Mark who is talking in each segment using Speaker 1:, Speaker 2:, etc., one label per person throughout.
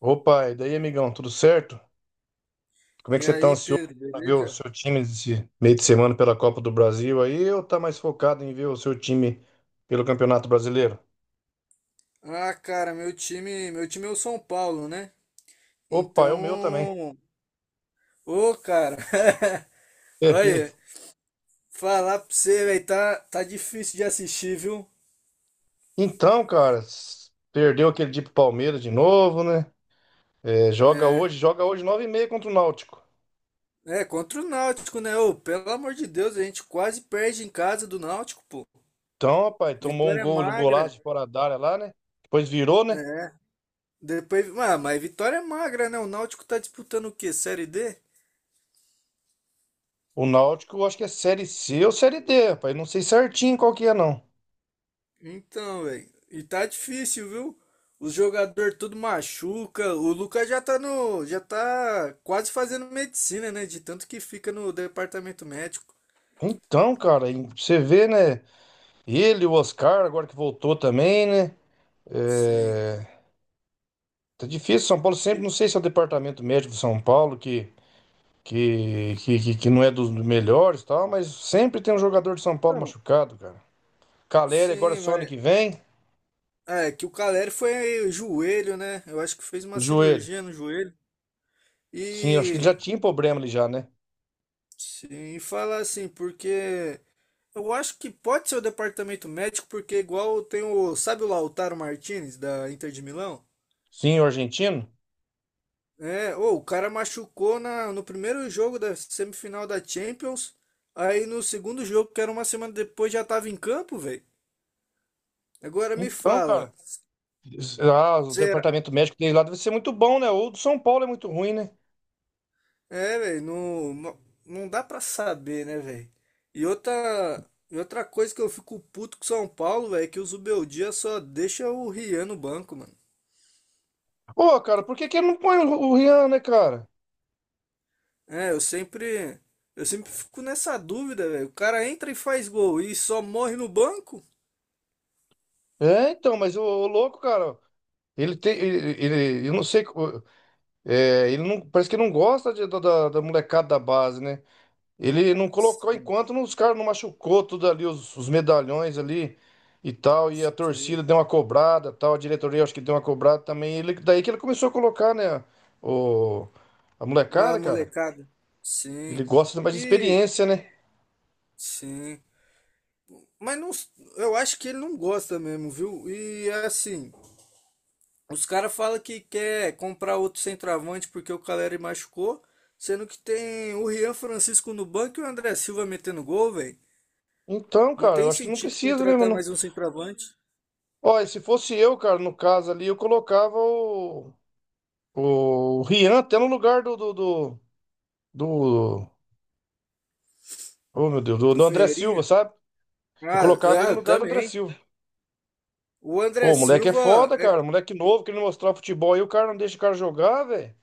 Speaker 1: Opa, e daí, amigão, tudo certo? Como é que
Speaker 2: E
Speaker 1: você tá
Speaker 2: aí,
Speaker 1: ansioso
Speaker 2: Pedro,
Speaker 1: pra ver o
Speaker 2: beleza?
Speaker 1: seu time esse meio de semana pela Copa do Brasil aí ou tá mais focado em ver o seu time pelo Campeonato Brasileiro?
Speaker 2: Ah, cara, meu time é o São Paulo, né?
Speaker 1: Opa, é o meu também.
Speaker 2: Então, ô, cara, olha, falar pra você, velho, tá difícil de assistir, viu?
Speaker 1: Então, cara, perdeu aquele dia pro Palmeiras de novo, né? É, joga hoje,
Speaker 2: É,
Speaker 1: joga hoje 21h30 contra o Náutico.
Speaker 2: Contra o Náutico, né? Ô, pelo amor de Deus, a gente quase perde em casa do Náutico, pô.
Speaker 1: Então, rapaz, tomou um
Speaker 2: Vitória
Speaker 1: gol, um golaço
Speaker 2: magra,
Speaker 1: de fora da área lá, né? Depois virou, né?
Speaker 2: é. Depois, mas vitória magra, né? O Náutico tá disputando o quê? Série D?
Speaker 1: O Náutico, eu acho que é Série C ou Série D, rapaz. Não sei certinho qual que é, não.
Speaker 2: Então, velho. E tá difícil, viu? Os jogadores tudo machuca. O Lucas já tá no, já tá quase fazendo medicina, né? De tanto que fica no departamento médico.
Speaker 1: Então, cara, e você vê, né? Ele, o Oscar, agora que voltou também, né?
Speaker 2: Sim.
Speaker 1: É, tá difícil, São Paulo sempre,
Speaker 2: E-
Speaker 1: não sei se é o departamento médico de São Paulo que não é dos melhores e tal, mas sempre tem um jogador de São Paulo
Speaker 2: Não.
Speaker 1: machucado, cara. Caleri agora é
Speaker 2: Sim,
Speaker 1: só ano
Speaker 2: mas
Speaker 1: que vem,
Speaker 2: é que o Caleri foi joelho, né? Eu acho que fez uma
Speaker 1: joelho.
Speaker 2: cirurgia no joelho.
Speaker 1: Sim, acho que ele
Speaker 2: E
Speaker 1: já tinha problema ali já, né?
Speaker 2: sim, e fala assim, porque eu acho que pode ser o departamento médico, porque igual tem o, sabe o Lautaro Martinez da Inter de Milão?
Speaker 1: Sim, o argentino.
Speaker 2: É, ô, o cara machucou no primeiro jogo da semifinal da Champions. Aí no segundo jogo, que era uma semana depois, já tava em campo, velho. Agora me
Speaker 1: Então,
Speaker 2: fala,
Speaker 1: cara, ah, o
Speaker 2: será?
Speaker 1: departamento médico dele lá deve ser muito bom, né? Ou do São Paulo é muito ruim, né?
Speaker 2: É, velho, não, não dá pra saber, né, velho? E outra, e outra coisa que eu fico puto com o São Paulo, velho, é que o Zubeldia só deixa o Rian no banco, mano.
Speaker 1: Ô, cara, por que que ele não põe o Rian, né, cara?
Speaker 2: É, eu sempre fico nessa dúvida, velho. O cara entra e faz gol e só morre no banco?
Speaker 1: É, então, mas o louco, cara, Ele tem, ele- eu não sei, é, ele não, parece que não gosta da molecada da base, né? Ele não colocou
Speaker 2: Sim.
Speaker 1: enquanto os caras não machucou tudo ali, os medalhões ali e tal, e a
Speaker 2: Sim.
Speaker 1: torcida deu uma cobrada, tal, a diretoria acho que deu uma cobrada também. Daí que ele começou a colocar, né, o, a
Speaker 2: A
Speaker 1: molecada, cara.
Speaker 2: molecada.
Speaker 1: Ele
Speaker 2: Sim.
Speaker 1: gosta de mais de
Speaker 2: E
Speaker 1: experiência, né?
Speaker 2: sim. Mas não, eu acho que ele não gosta mesmo, viu? E é assim, os caras falam que quer comprar outro centroavante porque o Caleri machucou, sendo que tem o Rian Francisco no banco e o André Silva metendo gol, velho.
Speaker 1: Então,
Speaker 2: Não
Speaker 1: cara, eu
Speaker 2: tem
Speaker 1: acho que não
Speaker 2: sentido
Speaker 1: precisa mesmo,
Speaker 2: contratar
Speaker 1: não.
Speaker 2: mais um centroavante
Speaker 1: Ó, e se fosse eu, cara, no caso ali, eu colocava o Rian até no lugar do, do do- Do. Oh, meu Deus, do,
Speaker 2: do
Speaker 1: do André Silva,
Speaker 2: Ferreirinha.
Speaker 1: sabe? Eu colocava ele no
Speaker 2: Eu
Speaker 1: lugar do André
Speaker 2: também.
Speaker 1: Silva.
Speaker 2: O
Speaker 1: Ô,
Speaker 2: André
Speaker 1: o moleque é
Speaker 2: Silva.
Speaker 1: foda,
Speaker 2: É,
Speaker 1: cara. Moleque novo, querendo mostrar futebol aí, o cara não deixa o cara jogar, velho.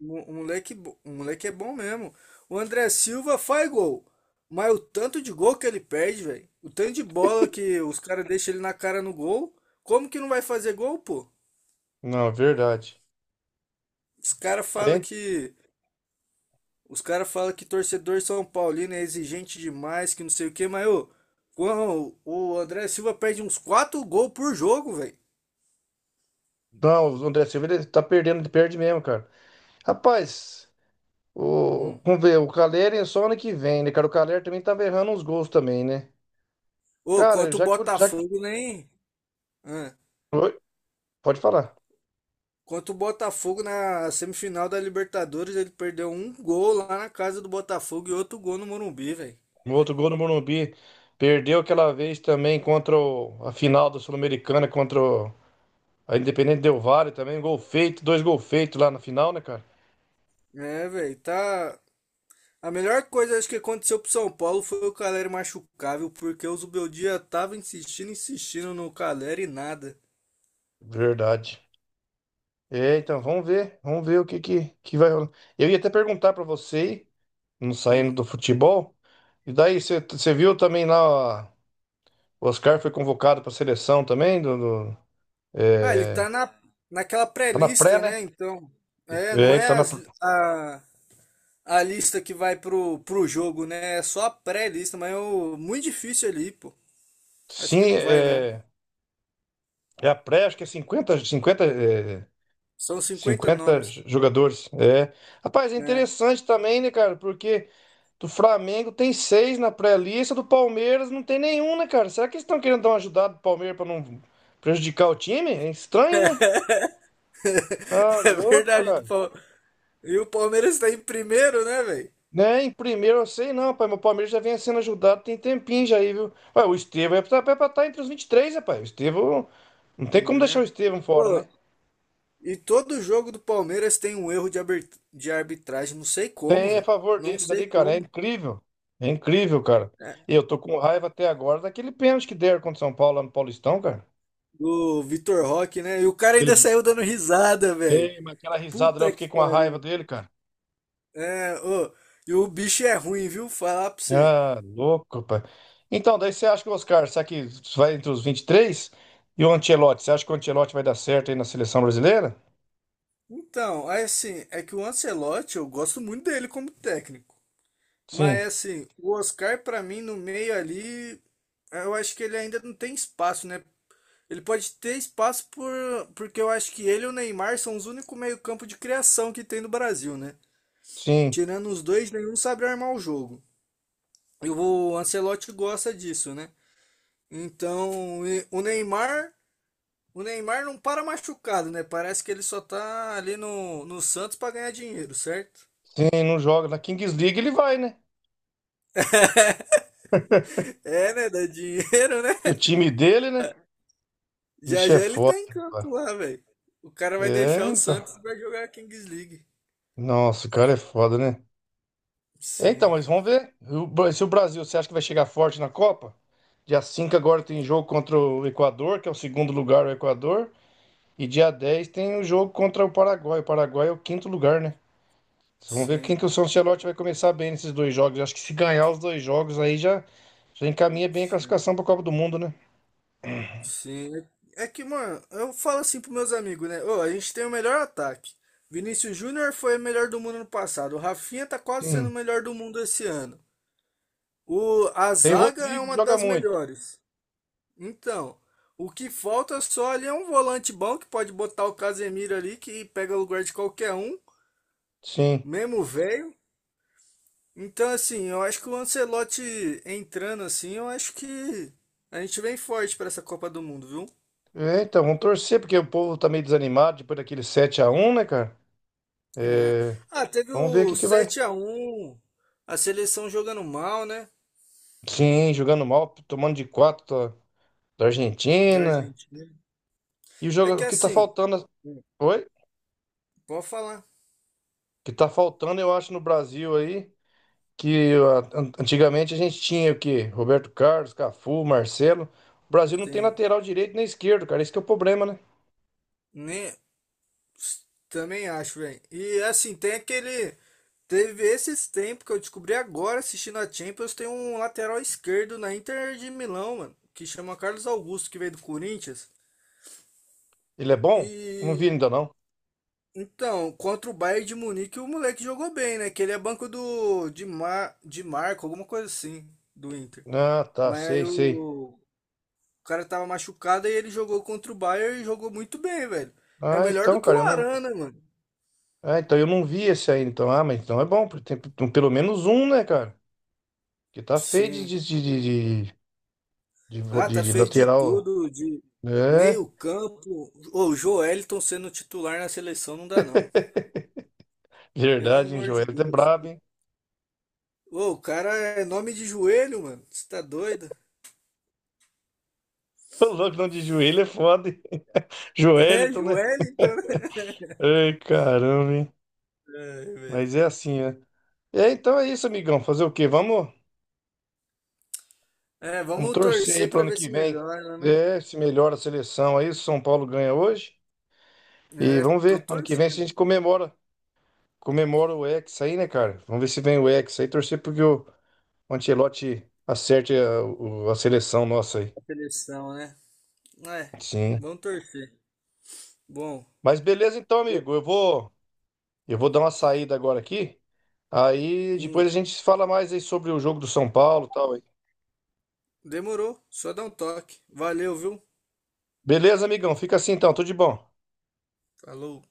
Speaker 2: O, o moleque é bom mesmo. O André Silva faz gol. Mas o tanto de gol que ele perde, velho. O tanto de bola que os caras deixam ele na cara no gol. Como que não vai fazer gol, pô?
Speaker 1: Não, verdade.
Speaker 2: Os caras falam
Speaker 1: É?
Speaker 2: que. Os caras falam que torcedor São Paulino é exigente demais, que não sei o quê, mas ô, quando o André Silva perde uns 4 gols por jogo, velho.
Speaker 1: Não, o André Silva ele tá perdendo, ele perde mesmo, cara. Rapaz,
Speaker 2: Hum.
Speaker 1: vamos ver, o Calleri é só ano que vem, né, cara? O Calleri também tava errando uns gols também, né?
Speaker 2: Ô,
Speaker 1: Cara,
Speaker 2: quanto o
Speaker 1: já que. Já que
Speaker 2: Botafogo nem.
Speaker 1: Oi? Pode falar.
Speaker 2: Contra o Botafogo na semifinal da Libertadores, ele perdeu um gol lá na casa do Botafogo e outro gol no Morumbi, velho.
Speaker 1: O outro gol no Morumbi perdeu aquela vez também contra a final da Sul-Americana contra o. A Independente Del Valle também, gol feito, dois gol feitos lá na final, né, cara?
Speaker 2: É, velho, tá. A melhor coisa acho que aconteceu pro São Paulo foi o Caleri machucável, porque o Zubeldia tava insistindo, insistindo no Caleri e nada.
Speaker 1: Verdade. É, então vamos ver o que que vai rolar. Eu ia até perguntar pra você, aí, não saindo
Speaker 2: Hum.
Speaker 1: do futebol, e daí você viu também lá, ó, o Oscar foi convocado pra seleção também,
Speaker 2: Ah, ele
Speaker 1: é,
Speaker 2: tá na, naquela
Speaker 1: tá na pré,
Speaker 2: pré-lista,
Speaker 1: né?
Speaker 2: né? Então, é, não
Speaker 1: É, tá
Speaker 2: é
Speaker 1: na,
Speaker 2: as- a, a lista que vai pro, pro jogo, né? É só a pré-lista, mas é o- muito difícil ali, pô. Acho
Speaker 1: sim,
Speaker 2: que não vai, não.
Speaker 1: é a pré, acho que é cinquenta, é,
Speaker 2: São 50
Speaker 1: 50
Speaker 2: nomes,
Speaker 1: jogadores. É. Rapaz, é
Speaker 2: né?
Speaker 1: interessante também, né, cara? Porque do Flamengo tem seis na pré-lista, do Palmeiras não tem nenhum, né, cara? Será que eles estão querendo dar uma ajudada pro Palmeiras pra não prejudicar o time? É estranho, né? Ah,
Speaker 2: É
Speaker 1: louco,
Speaker 2: verdade. Do
Speaker 1: cara.
Speaker 2: Pal- E o Palmeiras tá em primeiro, né, velho?
Speaker 1: Né? Em primeiro eu sei não, pai, mas o Palmeiras já vem sendo ajudado tem tempinho já aí, viu? Ué, o Estevão é pra estar entre os 23, rapaz. O Estevão. Não tem como deixar o
Speaker 2: É.
Speaker 1: Estevão fora, né?
Speaker 2: Pô, e todo jogo do Palmeiras tem um erro de, aber- de arbitragem. Não sei como,
Speaker 1: Tem a
Speaker 2: velho.
Speaker 1: favor
Speaker 2: Não
Speaker 1: deles
Speaker 2: sei
Speaker 1: ali, cara. É
Speaker 2: como.
Speaker 1: incrível. É incrível, cara.
Speaker 2: É,
Speaker 1: E eu tô com raiva até agora daquele pênalti que deram contra o São Paulo lá no Paulistão, cara.
Speaker 2: do Vitor Roque, né? E o cara ainda saiu dando risada, velho.
Speaker 1: Ei, mas aquela risada lá, eu
Speaker 2: Puta que
Speaker 1: fiquei com a raiva
Speaker 2: pariu.
Speaker 1: dele, cara.
Speaker 2: É, ô, e o bicho é ruim, viu? Falar pra você.
Speaker 1: Ah, louco, pai. Então, daí você acha que o Oscar, será que vai entre os 23? E o Ancelotti, você acha que o Ancelotti vai dar certo aí na seleção brasileira?
Speaker 2: Então, aí, assim, é que o Ancelotti, eu gosto muito dele como técnico.
Speaker 1: Sim,
Speaker 2: Mas assim, o Oscar pra mim no meio ali, eu acho que ele ainda não tem espaço, né? Ele pode ter espaço por, porque eu acho que ele e o Neymar são os únicos meio-campo de criação que tem no Brasil, né?
Speaker 1: sim,
Speaker 2: Tirando os dois, nenhum sabe armar o jogo. E o Ancelotti gosta disso, né? Então, e- o Neymar não para machucado, né? Parece que ele só tá ali no Santos pra ganhar dinheiro, certo?
Speaker 1: sim, não joga. Na Kings League ele vai, né?
Speaker 2: É, né? Dá dinheiro, né?
Speaker 1: O time dele, né?
Speaker 2: Já
Speaker 1: Vixe, é
Speaker 2: já ele
Speaker 1: foda,
Speaker 2: tá em
Speaker 1: rapaz.
Speaker 2: campo lá, velho. O cara vai deixar
Speaker 1: É,
Speaker 2: o
Speaker 1: então.
Speaker 2: Santos e vai jogar a Kings League.
Speaker 1: Nossa, o cara é foda, né? É, então,
Speaker 2: Sim,
Speaker 1: mas vamos ver. Se o Brasil, você acha que vai chegar forte na Copa? Dia 5 agora tem jogo contra o Equador, que é o segundo lugar, o Equador. E dia 10 tem o jogo contra o Paraguai. O Paraguai é o quinto lugar, né? Vamos ver
Speaker 2: sim,
Speaker 1: quem que o São Ancelotti vai começar bem nesses dois jogos. Acho que se ganhar os dois jogos aí já, já encaminha bem a
Speaker 2: sim,
Speaker 1: classificação para a Copa do Mundo, né?
Speaker 2: sim. É que, mano, eu falo assim pros meus amigos, né? Ô, a gente tem o melhor ataque. Vinícius Júnior foi o melhor do mundo no passado. O Rafinha tá quase sendo o
Speaker 1: Sim.
Speaker 2: melhor do mundo esse ano. O, a
Speaker 1: Tem o
Speaker 2: zaga é
Speaker 1: Rodrigo que
Speaker 2: uma
Speaker 1: joga
Speaker 2: das
Speaker 1: muito.
Speaker 2: melhores. Então, o que falta só ali é um volante bom que pode botar o Casemiro ali, que pega o lugar de qualquer um,
Speaker 1: Sim.
Speaker 2: mesmo velho. Então, assim, eu acho que o Ancelotti entrando assim, eu acho que a gente vem forte para essa Copa do Mundo, viu?
Speaker 1: É, então, vamos torcer, porque o povo tá meio desanimado depois daquele 7 a 1, né, cara?
Speaker 2: É.
Speaker 1: É,
Speaker 2: Ah, teve
Speaker 1: vamos ver o
Speaker 2: o
Speaker 1: que que vai.
Speaker 2: 7 a 1 a seleção jogando mal, né?
Speaker 1: Sim, jogando mal, tomando de 4 da
Speaker 2: Da
Speaker 1: Argentina.
Speaker 2: Argentina.
Speaker 1: E o jogo
Speaker 2: É que
Speaker 1: o que tá
Speaker 2: assim,
Speaker 1: faltando. Oi? O
Speaker 2: pode falar.
Speaker 1: que tá faltando, eu acho, no Brasil aí. Que antigamente a gente tinha o quê? Roberto Carlos, Cafu, Marcelo. O Brasil não tem
Speaker 2: Assim,
Speaker 1: lateral direito nem esquerdo, cara. Esse que é o problema, né?
Speaker 2: nem, também acho, velho. E assim, tem aquele. Teve esses tempos que eu descobri agora assistindo a Champions, tem um lateral esquerdo na Inter de Milão, mano, que chama Carlos Augusto, que veio do Corinthians.
Speaker 1: Ele é bom? Não vi
Speaker 2: E
Speaker 1: ainda não.
Speaker 2: então, contra o Bayern de Munique, o moleque jogou bem, né? Que ele é banco de Marco, alguma coisa assim, do Inter.
Speaker 1: Ah, tá,
Speaker 2: Mas aí
Speaker 1: sei,
Speaker 2: o,
Speaker 1: sei.
Speaker 2: o cara tava machucado e ele jogou contra o Bayern e jogou muito bem, velho. É
Speaker 1: Ah,
Speaker 2: melhor do
Speaker 1: então,
Speaker 2: que
Speaker 1: cara,
Speaker 2: o
Speaker 1: eu não.
Speaker 2: Arana, né, mano.
Speaker 1: Ah, então eu não vi esse aí, então. Ah, mas então é bom, porque tem pelo menos um, né, cara? Que tá feio de,
Speaker 2: Sim.
Speaker 1: de, de, de, de, vo-
Speaker 2: Ah,
Speaker 1: de-
Speaker 2: tá
Speaker 1: de
Speaker 2: feio de
Speaker 1: lateral.
Speaker 2: tudo, de
Speaker 1: É,
Speaker 2: meio campo. Ô, o Joelinton sendo titular na seleção não dá não. Pelo
Speaker 1: verdade, hein?
Speaker 2: amor de
Speaker 1: Joelito é
Speaker 2: Deus.
Speaker 1: brabo, hein?
Speaker 2: Ô, o cara é nome de joelho, mano. Você tá doido?
Speaker 1: O louco não de joelho é foda, hein?
Speaker 2: É,
Speaker 1: Joelito, né?
Speaker 2: Joelinton, né?
Speaker 1: Ai, caramba, hein?
Speaker 2: Ai, velho.
Speaker 1: Mas é assim, né? É, então é isso, amigão. Fazer o quê? Vamos,
Speaker 2: É,
Speaker 1: vamos
Speaker 2: vamos
Speaker 1: torcer aí
Speaker 2: torcer
Speaker 1: pro
Speaker 2: para
Speaker 1: ano
Speaker 2: ver
Speaker 1: que
Speaker 2: se
Speaker 1: vem.
Speaker 2: melhora, né?
Speaker 1: É, se melhora a seleção aí, se o São Paulo ganha hoje. E
Speaker 2: É,
Speaker 1: vamos
Speaker 2: tô
Speaker 1: ver, ano que vem se a
Speaker 2: torcendo
Speaker 1: gente comemora o Hexa aí, né, cara? Vamos ver se vem o Hexa aí, torcer porque o Ancelotti acerte a seleção nossa aí.
Speaker 2: a seleção, né? É,
Speaker 1: Sim.
Speaker 2: vamos torcer. Bom,
Speaker 1: Mas beleza então, amigo. Eu vou dar uma saída agora aqui. Aí
Speaker 2: hum,
Speaker 1: depois a gente fala mais aí sobre o jogo do São Paulo e tal aí.
Speaker 2: demorou, só dá um toque. Valeu, viu?
Speaker 1: Beleza, amigão? Fica assim então, tudo de bom.
Speaker 2: Falou.